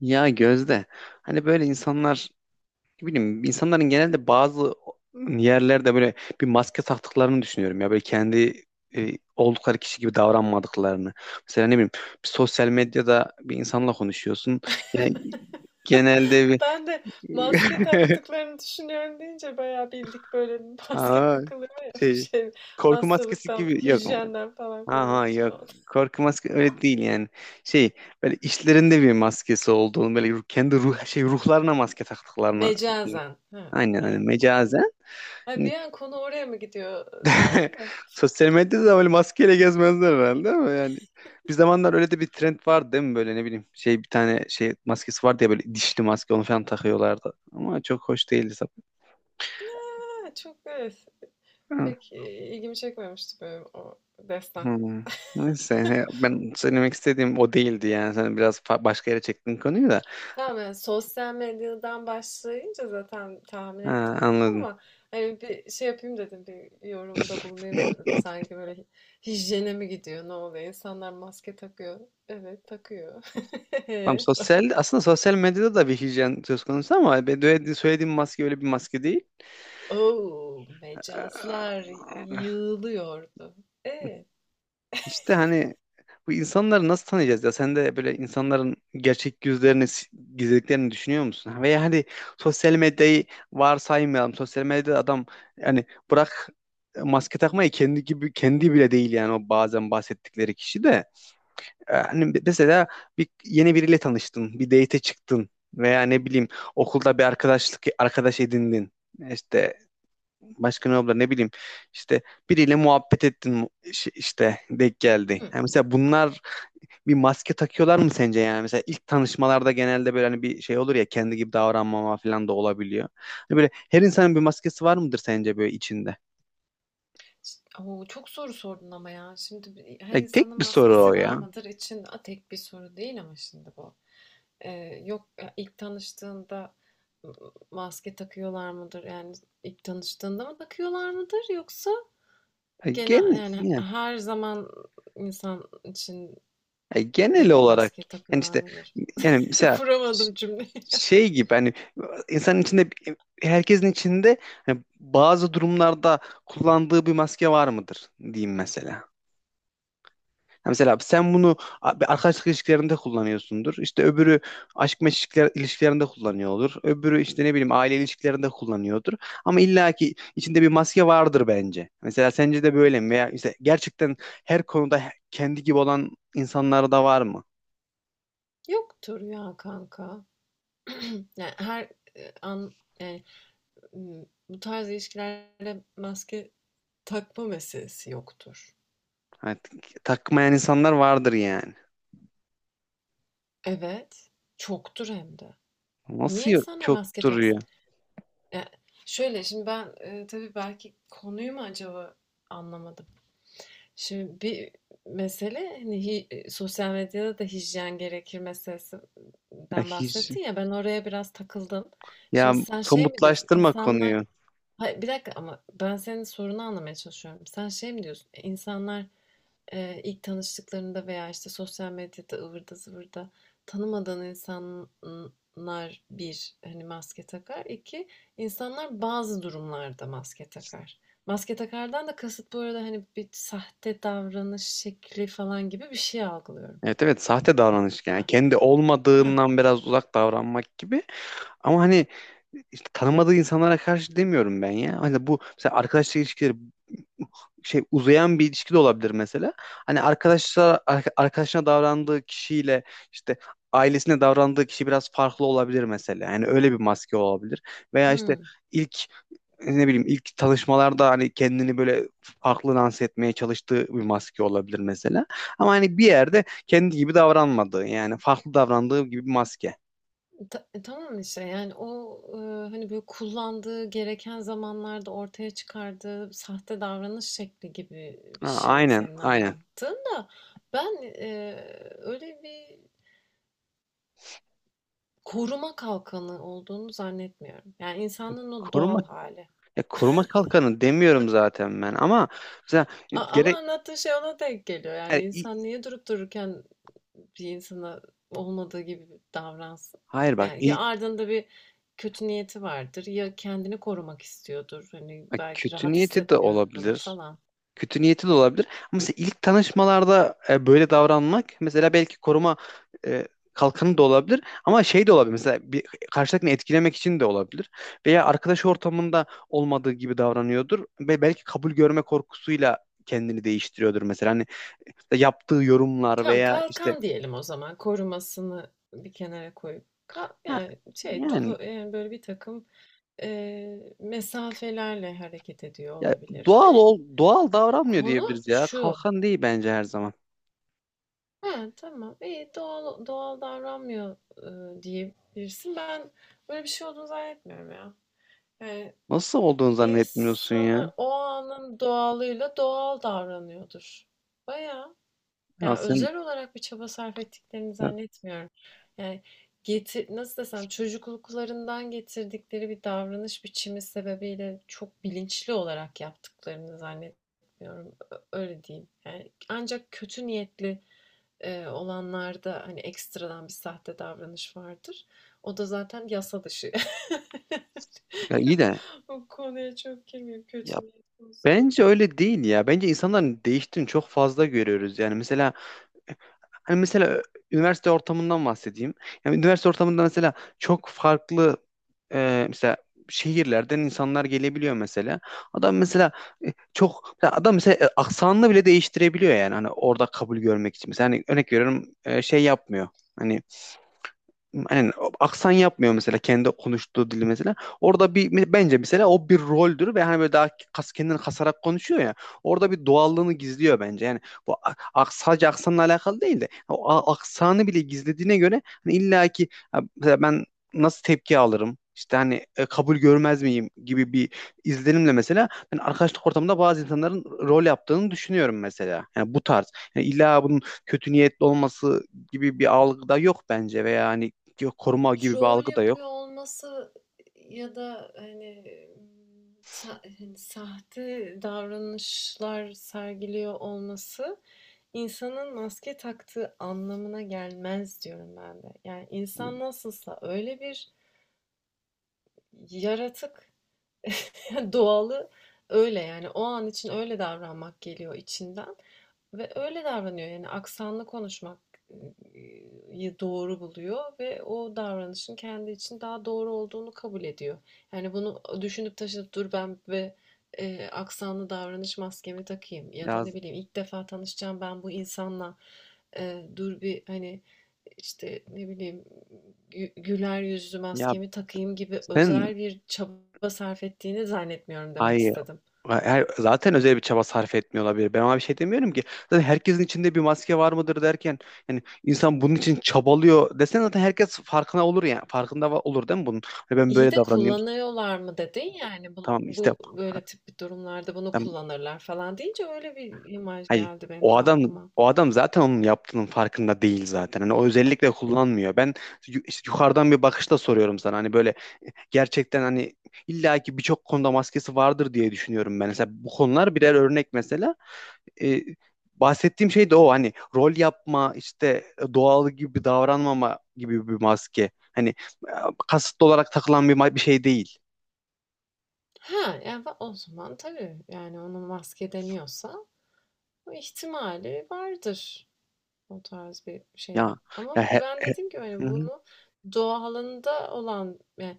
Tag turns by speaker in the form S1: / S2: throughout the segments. S1: Ya Gözde, hani böyle insanlar, ne bileyim, insanların genelde bazı yerlerde böyle bir maske taktıklarını düşünüyorum ya, böyle kendi oldukları kişi gibi davranmadıklarını. Mesela ne bileyim, bir sosyal medyada bir insanla konuşuyorsun. Yani genelde bir
S2: Ben de maske taktıklarını düşünüyorum deyince bayağı bildik böyle bir maske
S1: Aa,
S2: takılıyor ya bu
S1: şey,
S2: şey
S1: korku maskesi
S2: hastalıktan,
S1: gibi, yok.
S2: hijyenden falan korunmak
S1: Aha,
S2: bir şey
S1: yok.
S2: oldu.
S1: Korku maske öyle değil yani. Şey, böyle işlerinde bir maskesi olduğunu, böyle kendi ruhlarına maske taktıklarını diyeyim.
S2: Mecazen. Ha,
S1: Aynen, hani
S2: evet. Anladım.
S1: mecazen.
S2: Ay
S1: Hani
S2: bir an konu oraya mı gidiyor dedim de.
S1: sosyal medyada da böyle maskeyle gezmezler herhalde ama yani bir zamanlar öyle de bir trend vardı değil mi? Böyle ne bileyim, şey, bir tane şey maskesi vardı ya, böyle dişli maske, onu falan takıyorlardı ama çok hoş değildi
S2: Ha, çok evet.
S1: tabii.
S2: Pek ilgimi çekmemişti böyle o destan.
S1: Hmm. Neyse, he, ben söylemek istediğim o değildi yani sen biraz başka yere çektin konuyu da,
S2: Tamam yani sosyal medyadan başlayınca zaten tahmin ettim
S1: ha, anladım.
S2: ama hani bir şey yapayım dedim, bir yorumda bulunayım dedim. Sanki böyle hijyene mi gidiyor, ne oluyor, insanlar maske takıyor. Evet, takıyor.
S1: Tamam, aslında sosyal medyada da bir hijyen söz konusu ama söylediğim maske öyle bir maske değil.
S2: Oo,
S1: Ee,
S2: mecazlar yığılıyordu. E,
S1: İşte hani bu insanları nasıl tanıyacağız ya? Sen de böyle insanların gerçek yüzlerini, gizlediklerini düşünüyor musun? Veya hani sosyal medyayı varsaymayalım. Sosyal medyada adam, yani bırak maske takmayı, kendi gibi kendi bile değil yani o, bazen bahsettikleri kişi de. Hani mesela bir yeni biriyle tanıştın, bir date'e çıktın veya ne bileyim okulda bir arkadaş edindin. İşte başka ne olabilir, ne bileyim, işte biriyle muhabbet ettin, işte denk geldi.
S2: hı.
S1: Yani mesela bunlar bir maske takıyorlar mı sence yani? Mesela ilk tanışmalarda genelde böyle hani bir şey olur ya, kendi gibi davranmama falan da olabiliyor. Hani böyle her insanın bir maskesi var mıdır sence, böyle içinde?
S2: Oo, çok soru sordun ama ya. Şimdi her
S1: Ya tek
S2: insanın
S1: bir soru o
S2: maskesi var
S1: ya.
S2: mıdır için, tek bir soru değil ama şimdi bu. Yok ya, ilk tanıştığında maske takıyorlar mıdır? Yani ilk tanıştığında mı takıyorlar mıdır, yoksa
S1: Ya
S2: genel yani
S1: Gen,
S2: her zaman insan için
S1: Ya genel
S2: de bir
S1: olarak,
S2: maske
S1: yani
S2: takıyorlar
S1: işte,
S2: mıdır?
S1: yani mesela
S2: Kuramadım
S1: ş-
S2: cümleyi.
S1: şey gibi, hani insanın içinde, herkesin içinde, hani bazı durumlarda kullandığı bir maske var mıdır diyeyim mesela. Ha, mesela sen bunu bir arkadaşlık ilişkilerinde kullanıyorsundur. İşte öbürü aşk meşk ilişkilerinde kullanıyor olur. Öbürü işte ne bileyim aile ilişkilerinde kullanıyordur. Ama illaki içinde bir maske vardır bence. Mesela sence de böyle mi? Veya işte gerçekten her konuda kendi gibi olan insanlar da var mı?
S2: Yoktur ya kanka. Yani her, an yani, bu tarz ilişkilerde maske takma meselesi yoktur.
S1: Hani takmayan insanlar vardır yani.
S2: Evet, çoktur hem de.
S1: Nasıl
S2: Niye
S1: yok?
S2: insanlar
S1: Çok
S2: maske taksın?
S1: duruyor.
S2: Ya şöyle, şimdi ben, tabii belki konuyu mu acaba anlamadım? Şimdi bir mesele, hani, hi sosyal medyada da hijyen gerekir
S1: Ya,
S2: meselesinden
S1: hiç,
S2: bahsettin ya, ben oraya biraz takıldım.
S1: ya
S2: Şimdi sen şey mi diyorsun,
S1: somutlaştırma
S2: insanlar
S1: konuyu.
S2: hayır, bir dakika ama ben senin sorunu anlamaya çalışıyorum. Sen şey mi diyorsun, insanlar ilk tanıştıklarında veya işte sosyal medyada ıvırda zıvırda tanımadığın insanlar, bir, hani, maske takar. İki, insanlar bazı durumlarda maske takar. Maske takardan da kasıt bu arada hani bir sahte davranış şekli falan gibi bir şey algılıyorum.
S1: Evet, evet, sahte davranış
S2: Değil
S1: yani.
S2: mi?
S1: Kendi
S2: Heh.
S1: olmadığından biraz uzak davranmak gibi. Ama hani işte tanımadığı insanlara karşı demiyorum ben ya. Hani bu mesela arkadaşlık ilişkileri, şey, uzayan bir ilişki de olabilir mesela. Hani arkadaşına davrandığı kişiyle, işte ailesine davrandığı kişi biraz farklı olabilir mesela. Yani öyle bir maske olabilir. Veya işte
S2: Hmm.
S1: ilk ne bileyim ilk tanışmalarda hani kendini böyle farklı dans etmeye çalıştığı bir maske olabilir mesela. Ama hani bir yerde kendi gibi davranmadığı yani farklı davrandığı gibi bir maske.
S2: Tamam işte yani o, hani, böyle, kullandığı, gereken zamanlarda ortaya çıkardığı sahte davranış şekli gibi bir
S1: Ha,
S2: şey
S1: aynen
S2: senin
S1: aynen.
S2: anlattığın da ben, öyle bir koruma kalkanı olduğunu zannetmiyorum. Yani insanın o
S1: Koruma,
S2: doğal hali.
S1: ya, koruma kalkanı demiyorum zaten ben ama mesela
S2: A ama
S1: gere
S2: anlattığın şey ona denk geliyor.
S1: yani
S2: Yani
S1: i-
S2: insan niye durup dururken bir insana olmadığı gibi davransın.
S1: hayır, bak,
S2: Yani ya
S1: ilk,
S2: ardında bir kötü niyeti vardır, ya kendini korumak istiyordur. Hani
S1: bak,
S2: belki
S1: kötü
S2: rahat
S1: niyeti de
S2: hissetmiyordur
S1: olabilir.
S2: falan.
S1: Kötü niyeti de olabilir. Ama mesela ilk tanışmalarda böyle davranmak, mesela belki koruma e, kalkanı da olabilir ama şey de olabilir. Mesela bir karşıdakini etkilemek için de olabilir. Veya arkadaş ortamında olmadığı gibi davranıyordur ve belki kabul görme korkusuyla kendini değiştiriyordur mesela. Hani yaptığı yorumlar
S2: Tamam,
S1: veya işte,
S2: kalkan diyelim o zaman. Korumasını bir kenara koyup.
S1: ha,
S2: Yani şey
S1: yani,
S2: dolu yani böyle bir takım mesafelerle hareket ediyor
S1: ya,
S2: olabilir de.
S1: doğal davranmıyor
S2: Konu
S1: diyebiliriz ya.
S2: şu.
S1: Kalkan değil bence her zaman.
S2: Ha, tamam, iyi, doğal, doğal davranmıyor diyebilirsin. Ben böyle bir şey olduğunu zannetmiyorum ya. Yani
S1: Nasıl olduğunu zannetmiyorsun ya?
S2: İnsanlar o anın doğalıyla doğal davranıyordur. Bayağı.
S1: Ya
S2: Yani
S1: sen
S2: özel olarak bir çaba sarf ettiklerini
S1: ya,
S2: zannetmiyorum. Yani getir, nasıl desem, çocukluklarından getirdikleri bir davranış biçimi sebebiyle çok bilinçli olarak yaptıklarını zannetmiyorum. Öyle diyeyim. Yani ancak kötü niyetli olanlarda hani ekstradan bir sahte davranış vardır. O da zaten yasa dışı.
S1: ya iyi de
S2: O konuya çok girmeyeyim,
S1: ya
S2: kötü niyet olsun.
S1: Bence öyle değil ya. Bence insanların değiştiğini çok fazla görüyoruz. Yani mesela, hani, mesela üniversite ortamından bahsedeyim. Yani üniversite ortamında mesela çok farklı, mesela şehirlerden insanlar gelebiliyor mesela. Adam mesela, çok, mesela adam mesela aksanını bile değiştirebiliyor yani hani orada kabul görmek için. Mesela hani örnek veriyorum, şey yapmıyor. Hani yani aksan yapmıyor mesela, kendi konuştuğu dili mesela. Orada bir, bence mesela o bir roldür ve hani böyle daha kendini kasarak konuşuyor ya. Orada bir doğallığını gizliyor bence. Yani bu sadece aksanla alakalı değil de o aksanı bile gizlediğine göre hani illa ki, ha, mesela ben nasıl tepki alırım? İşte hani kabul görmez miyim gibi bir izlenimle mesela ben arkadaşlık ortamında bazı insanların rol yaptığını düşünüyorum mesela. Yani bu tarz. Yani illa bunun kötü niyetli olması gibi bir algı da yok bence, veya hani yok, koruma gibi bir
S2: Rol
S1: algı da
S2: yapıyor
S1: yok.
S2: olması ya da, hani, sahte davranışlar sergiliyor olması insanın maske taktığı anlamına gelmez diyorum ben de. Yani insan nasılsa öyle bir yaratık, doğalı öyle, yani o an için öyle davranmak geliyor içinden. Ve öyle davranıyor, yani aksanlı konuşmak yı doğru buluyor ve o davranışın kendi için daha doğru olduğunu kabul ediyor. Yani bunu düşünüp taşınıp dur ben ve aksanlı davranış maskemi takayım ya da
S1: Ya
S2: ne bileyim ilk defa tanışacağım ben bu insanla dur bir hani işte ne bileyim güler yüzlü
S1: ya
S2: maskemi takayım gibi
S1: sen
S2: özel bir çaba sarf ettiğini zannetmiyorum demek
S1: ay
S2: istedim.
S1: zaten özel bir çaba sarf etmiyor olabilir. Ben ona bir şey demiyorum ki. Zaten herkesin içinde bir maske var mıdır derken, yani insan bunun için çabalıyor desen, zaten herkes farkına olur yani. Farkında olur değil mi bunun? Hani ben
S2: İyi
S1: böyle
S2: de
S1: davranayım.
S2: kullanıyorlar mı dedin yani bu,
S1: Tamam işte,
S2: bu böyle tip bir durumlarda bunu
S1: tam,
S2: kullanırlar falan deyince öyle bir imaj
S1: hayır.
S2: geldi benim
S1: O
S2: de
S1: adam
S2: aklıma.
S1: o adam zaten onun yaptığının farkında değil zaten. Hani o özellikle kullanmıyor. Ben işte yukarıdan bir bakışla soruyorum sana. Hani böyle gerçekten hani illaki birçok konuda maskesi vardır diye düşünüyorum ben. Mesela bu konular birer örnek mesela. E, bahsettiğim şey de o, hani rol yapma, işte doğal gibi davranmama gibi bir maske. Hani e, kasıtlı olarak takılan bir şey değil.
S2: Ha yani o zaman tabii yani onun maske deniyorsa o ihtimali vardır o tarz bir
S1: Ya
S2: şeyin.
S1: ya
S2: Ama
S1: he-
S2: ben dediğim gibi
S1: Hı
S2: hani
S1: hı.
S2: bunu doğalında olan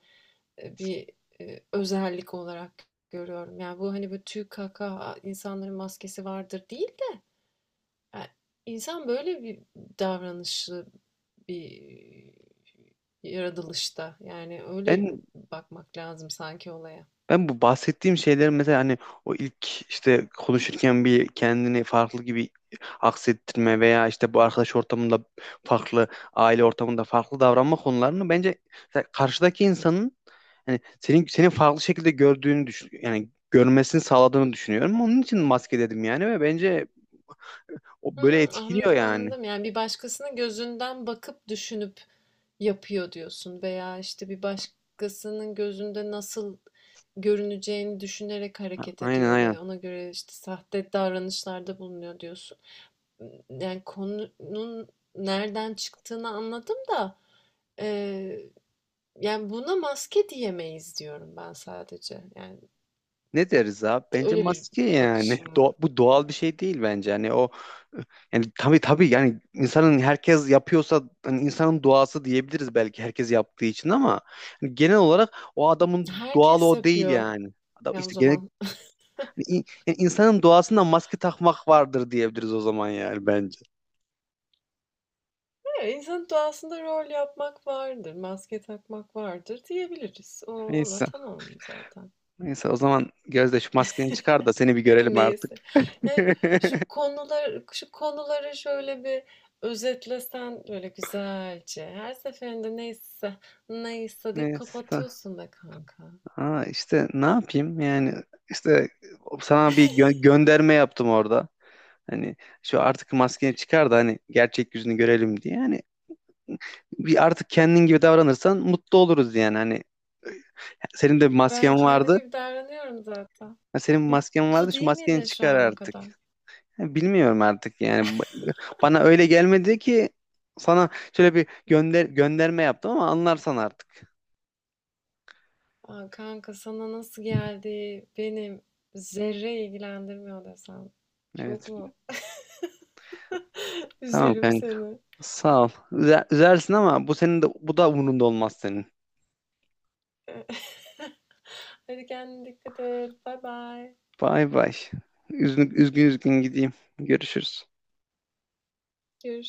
S2: bir özellik olarak görüyorum. Yani bu hani böyle tüy kaka insanların maskesi vardır değil. Yani insan böyle bir davranışlı bir yaratılışta. Yani öyle
S1: Ben
S2: bakmak lazım sanki olaya.
S1: Ben bu bahsettiğim şeylerin mesela hani o ilk işte konuşurken bir kendini farklı gibi aksettirme veya işte bu arkadaş ortamında farklı, aile ortamında farklı davranma konularını bence, mesela karşıdaki insanın hani senin farklı şekilde gördüğünü düşün, yani görmesini sağladığını düşünüyorum. Onun için maske dedim yani ve bence o
S2: Hı
S1: böyle
S2: hı,
S1: etkiliyor
S2: anladım,
S1: yani.
S2: anladım. Yani bir başkasının gözünden bakıp düşünüp yapıyor diyorsun veya işte bir başkasının gözünde nasıl görüneceğini düşünerek hareket
S1: Aynen
S2: ediyor
S1: aynen.
S2: ve ona göre işte sahte davranışlarda bulunuyor diyorsun. Yani konunun nereden çıktığını anladım da e, yani buna maske diyemeyiz diyorum ben sadece. Yani
S1: Ne deriz abi? Bence
S2: öyle bir
S1: maske yani.
S2: bakışım var.
S1: Bu doğal bir şey değil bence. Hani o, yani tabii tabii, yani insanın, herkes yapıyorsa hani insanın doğası diyebiliriz belki, herkes yaptığı için ama hani genel olarak o adamın doğalı
S2: Herkes
S1: o değil
S2: yapıyor.
S1: yani. Adam
S2: Yani o
S1: işte genel
S2: zaman
S1: hani yani insanın doğasında maske takmak vardır diyebiliriz o zaman yani bence.
S2: "Ha, insanın doğasında rol yapmak vardır, maske takmak vardır" diyebiliriz. O, ona
S1: Neyse.
S2: tamam zaten.
S1: Neyse o zaman Gözde, şu maskeni çıkar da seni bir
S2: Yani
S1: görelim artık.
S2: neyse. Yani şu konular, şu konuları şöyle bir özetlesen böyle güzelce. Her seferinde "neyse, neyse" deyip
S1: Neyse.
S2: kapatıyorsun be kanka.
S1: Ha, işte ne yapayım yani, işte sana bir gönderme yaptım orada. Hani şu artık maskeni çıkar da hani gerçek yüzünü görelim diye. Yani bir artık kendin gibi davranırsan mutlu oluruz yani. Hani senin de bir
S2: Ben
S1: masken
S2: kendim
S1: vardı.
S2: gibi davranıyorum zaten.
S1: Ha, senin bir masken
S2: Mutlu
S1: vardı, şu
S2: değil
S1: maskeni
S2: miydi şu
S1: çıkar
S2: ana
S1: artık.
S2: kadar?
S1: Ha, bilmiyorum artık yani. Bana öyle gelmedi ki, sana şöyle bir gönderme yaptım, ama anlarsan artık.
S2: Aa, kanka, sana nasıl geldi benim zerre ilgilendirmiyor desem. Çok
S1: Evet.
S2: mu
S1: Tamam
S2: üzerim
S1: kanka.
S2: seni?
S1: Sağ ol. Üzersin ama bu senin de, bu da umurunda olmaz senin.
S2: Hadi kendine dikkat et. Bay bay.
S1: Bay bay. Üzgün üzgün üzgün gideyim. Görüşürüz.
S2: Görüşürüz.